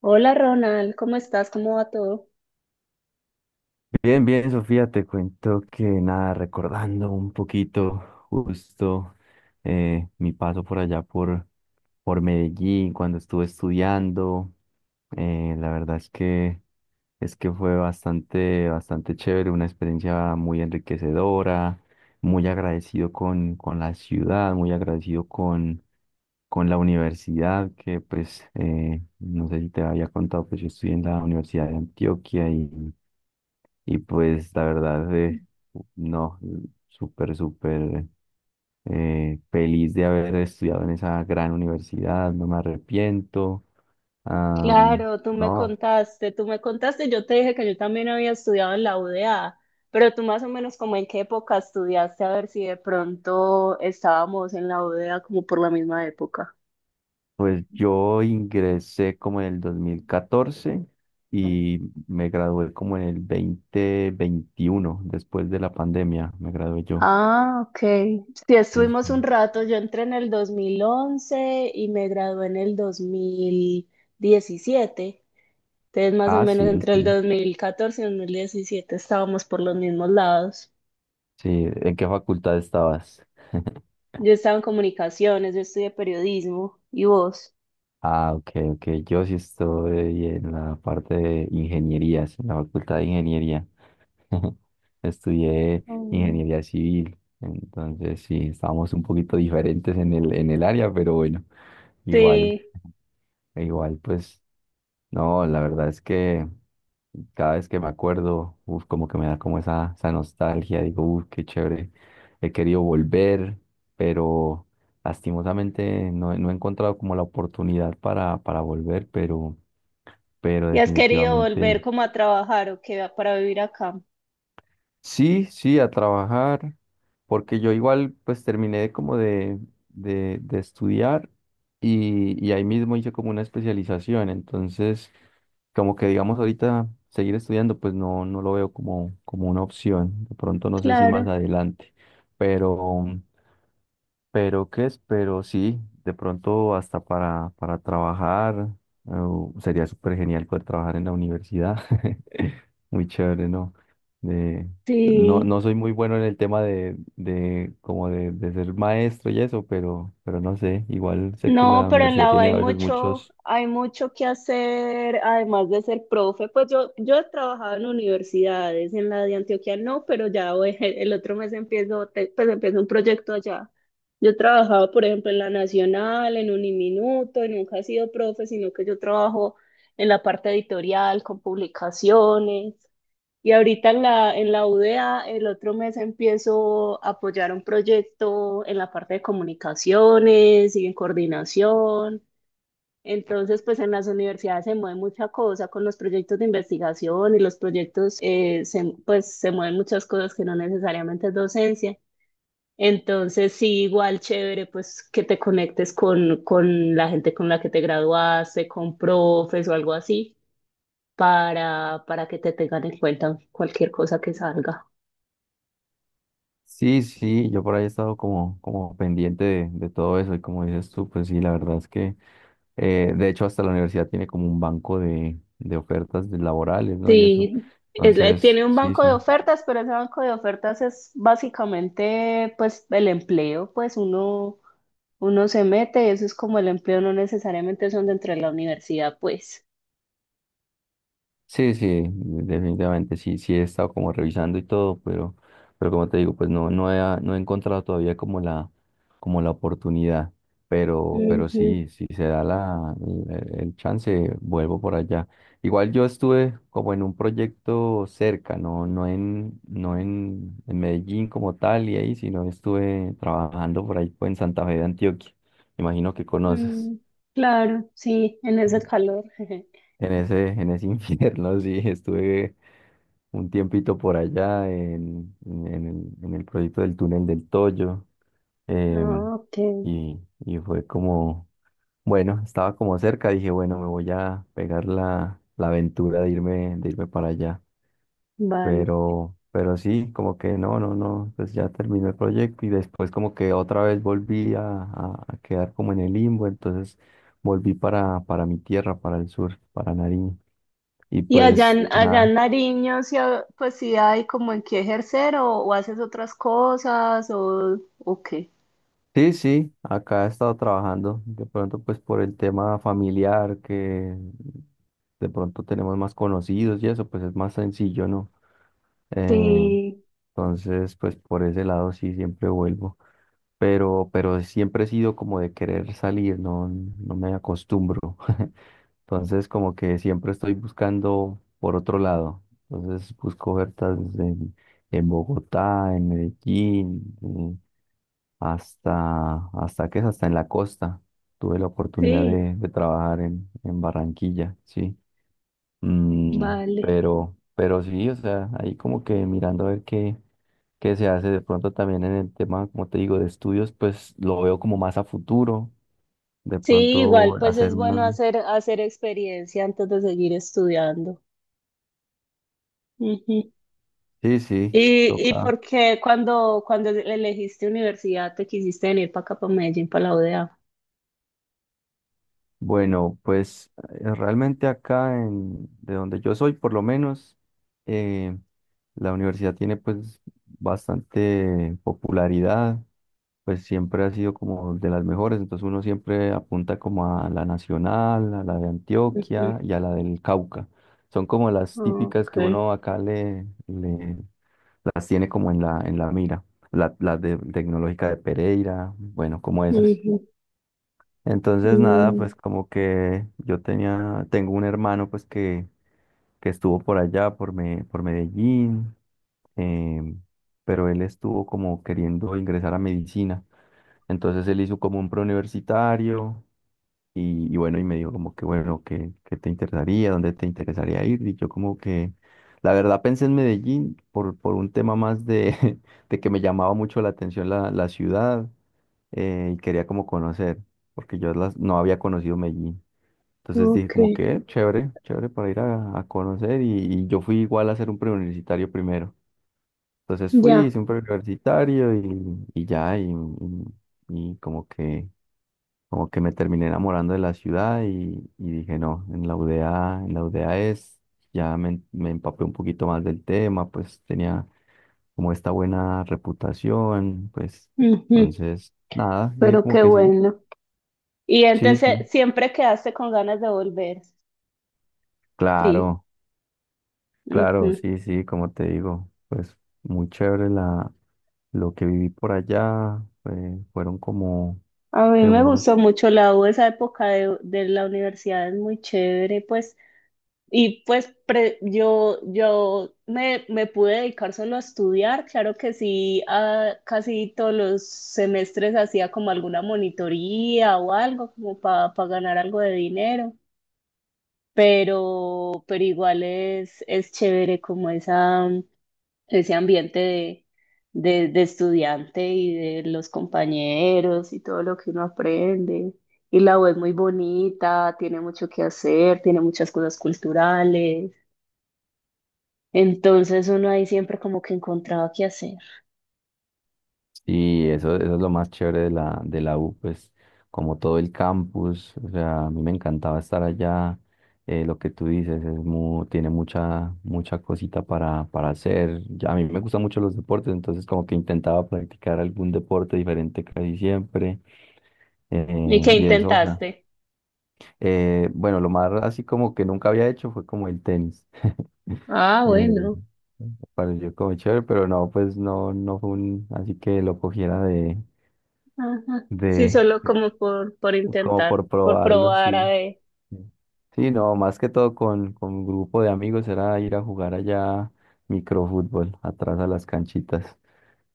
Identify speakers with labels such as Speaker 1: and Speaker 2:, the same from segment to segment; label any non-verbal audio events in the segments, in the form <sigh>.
Speaker 1: Hola Ronald, ¿cómo estás? ¿Cómo va todo?
Speaker 2: Bien, bien, Sofía, te cuento que nada, recordando un poquito justo mi paso por allá por Medellín cuando estuve estudiando. La verdad es que fue bastante, bastante chévere, una experiencia muy enriquecedora, muy agradecido con la ciudad, muy agradecido con la universidad, que pues no sé si te había contado. Pues yo estudié en la Universidad de Antioquia, y pues la verdad, no, súper, súper feliz de haber estudiado en esa gran universidad, no me arrepiento. Ah,
Speaker 1: Claro, tú me
Speaker 2: no,
Speaker 1: contaste, tú me contaste, yo te dije que yo también había estudiado en la UDA, pero tú más o menos como en qué época estudiaste, a ver si de pronto estábamos en la UDA como por la misma época.
Speaker 2: pues yo ingresé como en el 2014 y me gradué como en el 2021 después de la pandemia, me gradué yo.
Speaker 1: Ah, ok. Sí,
Speaker 2: Es-
Speaker 1: estuvimos un rato, yo entré en el 2011 y me gradué en el 2017, entonces más o
Speaker 2: Ah,
Speaker 1: menos
Speaker 2: sí,
Speaker 1: entre el
Speaker 2: sí,
Speaker 1: 2014 y 2017 estábamos por los mismos lados.
Speaker 2: sí. ¿En qué facultad estabas? <laughs>
Speaker 1: Yo estaba en comunicaciones, yo estudié periodismo y vos.
Speaker 2: Ah, ok, ok. Yo sí estoy en la parte de ingenierías, en la facultad de ingeniería. <laughs> Estudié
Speaker 1: Mm.
Speaker 2: ingeniería civil, entonces sí, estábamos un poquito diferentes en el área, pero bueno, igual,
Speaker 1: Sí.
Speaker 2: igual, pues, no, la verdad es que cada vez que me acuerdo, uf, como que me da como esa nostalgia, digo, uf, qué chévere. He querido volver, pero lastimosamente no, he no he encontrado como la oportunidad para volver, pero
Speaker 1: ¿Y has querido volver
Speaker 2: definitivamente...
Speaker 1: como a trabajar o qué para vivir acá?
Speaker 2: Sí, sí, a trabajar, porque yo igual pues terminé como de estudiar y ahí mismo hice como una especialización. Entonces, como que digamos ahorita seguir estudiando pues no lo veo como una opción, de pronto no sé si más
Speaker 1: Claro.
Speaker 2: adelante, pero... Pero qué es, pero sí, de pronto hasta para trabajar. eh, Sería súper genial poder trabajar en la universidad. <laughs> Muy chévere, ¿no? De- no,
Speaker 1: Sí.
Speaker 2: no soy muy bueno en el tema de como de ser maestro y eso, pero no sé, igual sé que
Speaker 1: No,
Speaker 2: la
Speaker 1: pero en
Speaker 2: universidad
Speaker 1: la U
Speaker 2: tiene a veces muchos...
Speaker 1: hay mucho que hacer, además de ser profe. Pues yo he trabajado en universidades, en la de Antioquia no, pero ya voy- el otro mes empiezo, te- pues empiezo un proyecto allá. Yo he trabajado, por ejemplo, en la Nacional, en Uniminuto, y nunca he sido profe, sino que yo trabajo en la parte editorial, con publicaciones. Y ahorita en la UDEA el otro mes empiezo a apoyar un proyecto en la parte de comunicaciones y en coordinación. Entonces, pues en las universidades se mueve mucha cosa con los proyectos de investigación y los proyectos, se- pues se mueven muchas cosas que no necesariamente es docencia. Entonces, sí, igual chévere, pues que te conectes con la gente con la que te graduaste, con profes o algo así, para que te tengan en cuenta cualquier cosa que salga.
Speaker 2: Sí, sí, yo por ahí he estado como pendiente de todo eso, y como dices tú, pues sí, la verdad es que... de hecho, hasta la universidad tiene como un banco de ofertas de laborales, ¿no? Y eso.
Speaker 1: Sí, es la-
Speaker 2: Entonces,
Speaker 1: tiene un
Speaker 2: sí,
Speaker 1: banco de
Speaker 2: sí.
Speaker 1: ofertas, pero ese banco de ofertas es básicamente pues el empleo, pues uno se mete eso es como el empleo, no necesariamente son dentro de la universidad, pues.
Speaker 2: Sí, sí, definitivamente sí, sí he estado como revisando y todo, pero como te digo, pues no, no he encontrado todavía como la oportunidad, pero
Speaker 1: Ujú.
Speaker 2: sí, si se da el chance, vuelvo por allá. Igual yo estuve como en un proyecto cerca, no en Medellín como tal y ahí, sino estuve trabajando por ahí pues, en Santa Fe de Antioquia. Imagino que conoces.
Speaker 1: Mm, claro, sí, en ese calor. <laughs>
Speaker 2: En ese infierno, <laughs> sí, estuve un tiempito por allá en el proyecto del túnel del Toyo.
Speaker 1: Ah,
Speaker 2: em,
Speaker 1: ok,
Speaker 2: y, y fue como, bueno, estaba como cerca, dije, bueno, me voy a pegar la aventura de irme para allá.
Speaker 1: vale.
Speaker 2: Pero sí, como que no, no, no, pues ya terminó el proyecto, y después como que otra vez volví a quedar como en el limbo. Entonces volví para mi tierra, para el sur, para Nariño. Y
Speaker 1: ¿Y allá
Speaker 2: pues
Speaker 1: en, allá
Speaker 2: nada.
Speaker 1: en Nariño, sí, ha- pues sí hay como en qué ejercer o haces otras cosas o qué?
Speaker 2: Sí, sí, acá he estado trabajando, de pronto pues por el tema familiar, que de pronto tenemos más conocidos y eso, pues es más sencillo, ¿no? Eh,
Speaker 1: Sí,
Speaker 2: entonces, pues por ese lado sí siempre vuelvo, pero siempre he sido como de querer salir, no, no me acostumbro. <laughs> Entonces, como que siempre estoy buscando por otro lado. Entonces, busco ofertas en Bogotá, en Medellín, hasta que es hasta en la costa. Tuve la oportunidad
Speaker 1: sí,
Speaker 2: de trabajar en Barranquilla, sí. Mm,
Speaker 1: vale.
Speaker 2: pero, pero sí, o sea, ahí como que mirando a ver qué se hace de pronto también en el tema, como te digo, de estudios, pues lo veo como más a futuro. De
Speaker 1: Sí, igual
Speaker 2: pronto
Speaker 1: pues es
Speaker 2: hacer
Speaker 1: bueno
Speaker 2: una...
Speaker 1: hacer, hacer experiencia antes de seguir estudiando. Ujú.
Speaker 2: Sí, sí,
Speaker 1: Y
Speaker 2: toca.
Speaker 1: por qué cuando elegiste universidad te quisiste venir para acá, para Medellín, para la UdeA?
Speaker 2: Bueno, pues realmente acá de donde yo soy, por lo menos, eh, la universidad tiene pues bastante popularidad, pues siempre ha sido como de las mejores, entonces uno siempre apunta como a la nacional, a la de Antioquia
Speaker 1: Ujú.
Speaker 2: y a la del Cauca. Son como las típicas que
Speaker 1: Okay.
Speaker 2: uno acá las tiene como en la mira, la de tecnológica de Pereira, bueno, como esas.
Speaker 1: Ujú.
Speaker 2: Entonces, nada,
Speaker 1: Mm,
Speaker 2: pues como que yo tenía, tengo un hermano pues que estuvo por allá, por Medellín. em, pero él estuvo como queriendo ingresar a medicina. Entonces él hizo como un preuniversitario y bueno, y me dijo como que bueno, que te interesaría, dónde te interesaría ir. Y yo como que, la verdad pensé en Medellín por un tema más de, <laughs> de que me llamaba mucho la atención la ciudad, y quería como conocer, porque yo no había conocido Medellín. Entonces dije
Speaker 1: ok,
Speaker 2: como que chévere, chévere para ir a conocer y yo fui igual a hacer un preuniversitario primero. Entonces fui,
Speaker 1: ya.
Speaker 2: hice un preuniversitario y ya, y como que, me terminé enamorando de la ciudad, y dije no, en la UDA es, ya me empapé un poquito más del tema, pues tenía como esta buena reputación, pues
Speaker 1: Ujú.
Speaker 2: entonces nada, dije
Speaker 1: Pero
Speaker 2: como
Speaker 1: qué
Speaker 2: que sí,
Speaker 1: bueno. Y
Speaker 2: sí, sí,
Speaker 1: entonces siempre quedaste con ganas de volver. Sí.
Speaker 2: claro.
Speaker 1: Ujú.
Speaker 2: Claro, sí, sí, como te digo, pues muy chévere lo que viví por allá, fueron como
Speaker 1: A mí
Speaker 2: que
Speaker 1: me gustó
Speaker 2: unos...
Speaker 1: mucho la U, esa época de la universidad es muy chévere, pues y pues pre- yo me pude dedicar solo a estudiar, claro que sí, a- casi todos los semestres hacía como alguna monitoría o algo como para ganar algo de dinero, pero igual es chévere como esa, ese ambiente de estudiante y de los compañeros y todo lo que uno aprende. Y la U es muy bonita, tiene mucho que hacer, tiene muchas cosas culturales. Entonces uno ahí siempre como que encontraba qué hacer.
Speaker 2: Y eso es lo más chévere de la U, pues como todo el campus, o sea, a mí me encantaba estar allá, lo que tú dices, es tiene mucha, mucha cosita para hacer, ya, a mí me gustan mucho los deportes, entonces como que intentaba practicar algún deporte diferente casi siempre,
Speaker 1: ¿Y qué
Speaker 2: y eso, o sea.
Speaker 1: intentaste?
Speaker 2: Bueno, lo más así como que nunca había hecho fue como el tenis.
Speaker 1: Ah,
Speaker 2: Eh,
Speaker 1: bueno.
Speaker 2: Pareció como chévere, pero no, pues no, no fue un, así que lo cogiera
Speaker 1: Ajá. Sí,
Speaker 2: de,
Speaker 1: solo como por
Speaker 2: como
Speaker 1: intentar,
Speaker 2: por
Speaker 1: por
Speaker 2: probarlo,
Speaker 1: probar a
Speaker 2: sí.
Speaker 1: ver.
Speaker 2: Sí, no, más que todo con un grupo de amigos era ir a jugar allá microfútbol, atrás a las canchitas.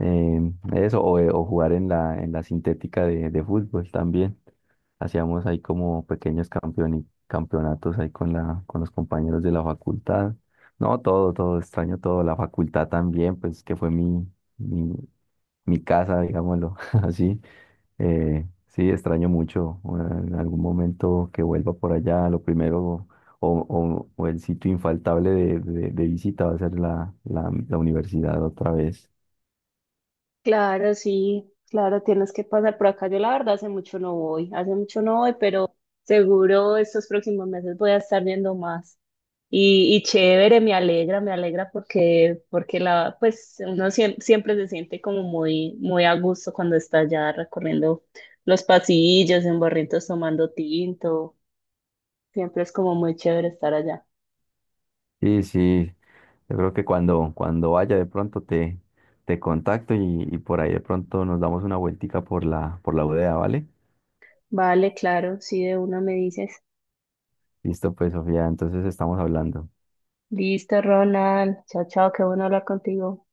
Speaker 2: eh, Eso, o jugar en la sintética de fútbol también. Hacíamos ahí como pequeños campeonatos ahí con los compañeros de la facultad. No, todo, todo, extraño todo. La facultad también, pues que fue mi, mi, mi casa, digámoslo <laughs> así. Sí, extraño mucho. O En algún momento que vuelva por allá, lo primero o el sitio infaltable de visita va a ser la universidad otra vez.
Speaker 1: Claro, sí, claro, tienes que pasar por acá. Yo la verdad hace mucho no voy, hace mucho no voy, pero seguro estos próximos meses voy a estar viendo más. Y chévere, me alegra porque, porque la, pues uno siem- siempre, se siente como muy, muy a gusto cuando está allá recorriendo los pasillos, en barritos tomando tinto. Siempre es como muy chévere estar allá.
Speaker 2: Sí, sí, yo creo que cuando vaya de pronto te, contacto y por ahí de pronto nos damos una vueltica por la bodega, ¿vale?
Speaker 1: Vale, claro, sí, de una me dices.
Speaker 2: Listo, pues Sofía, entonces estamos hablando.
Speaker 1: Listo, Ronald. Chao, chao, qué bueno hablar contigo.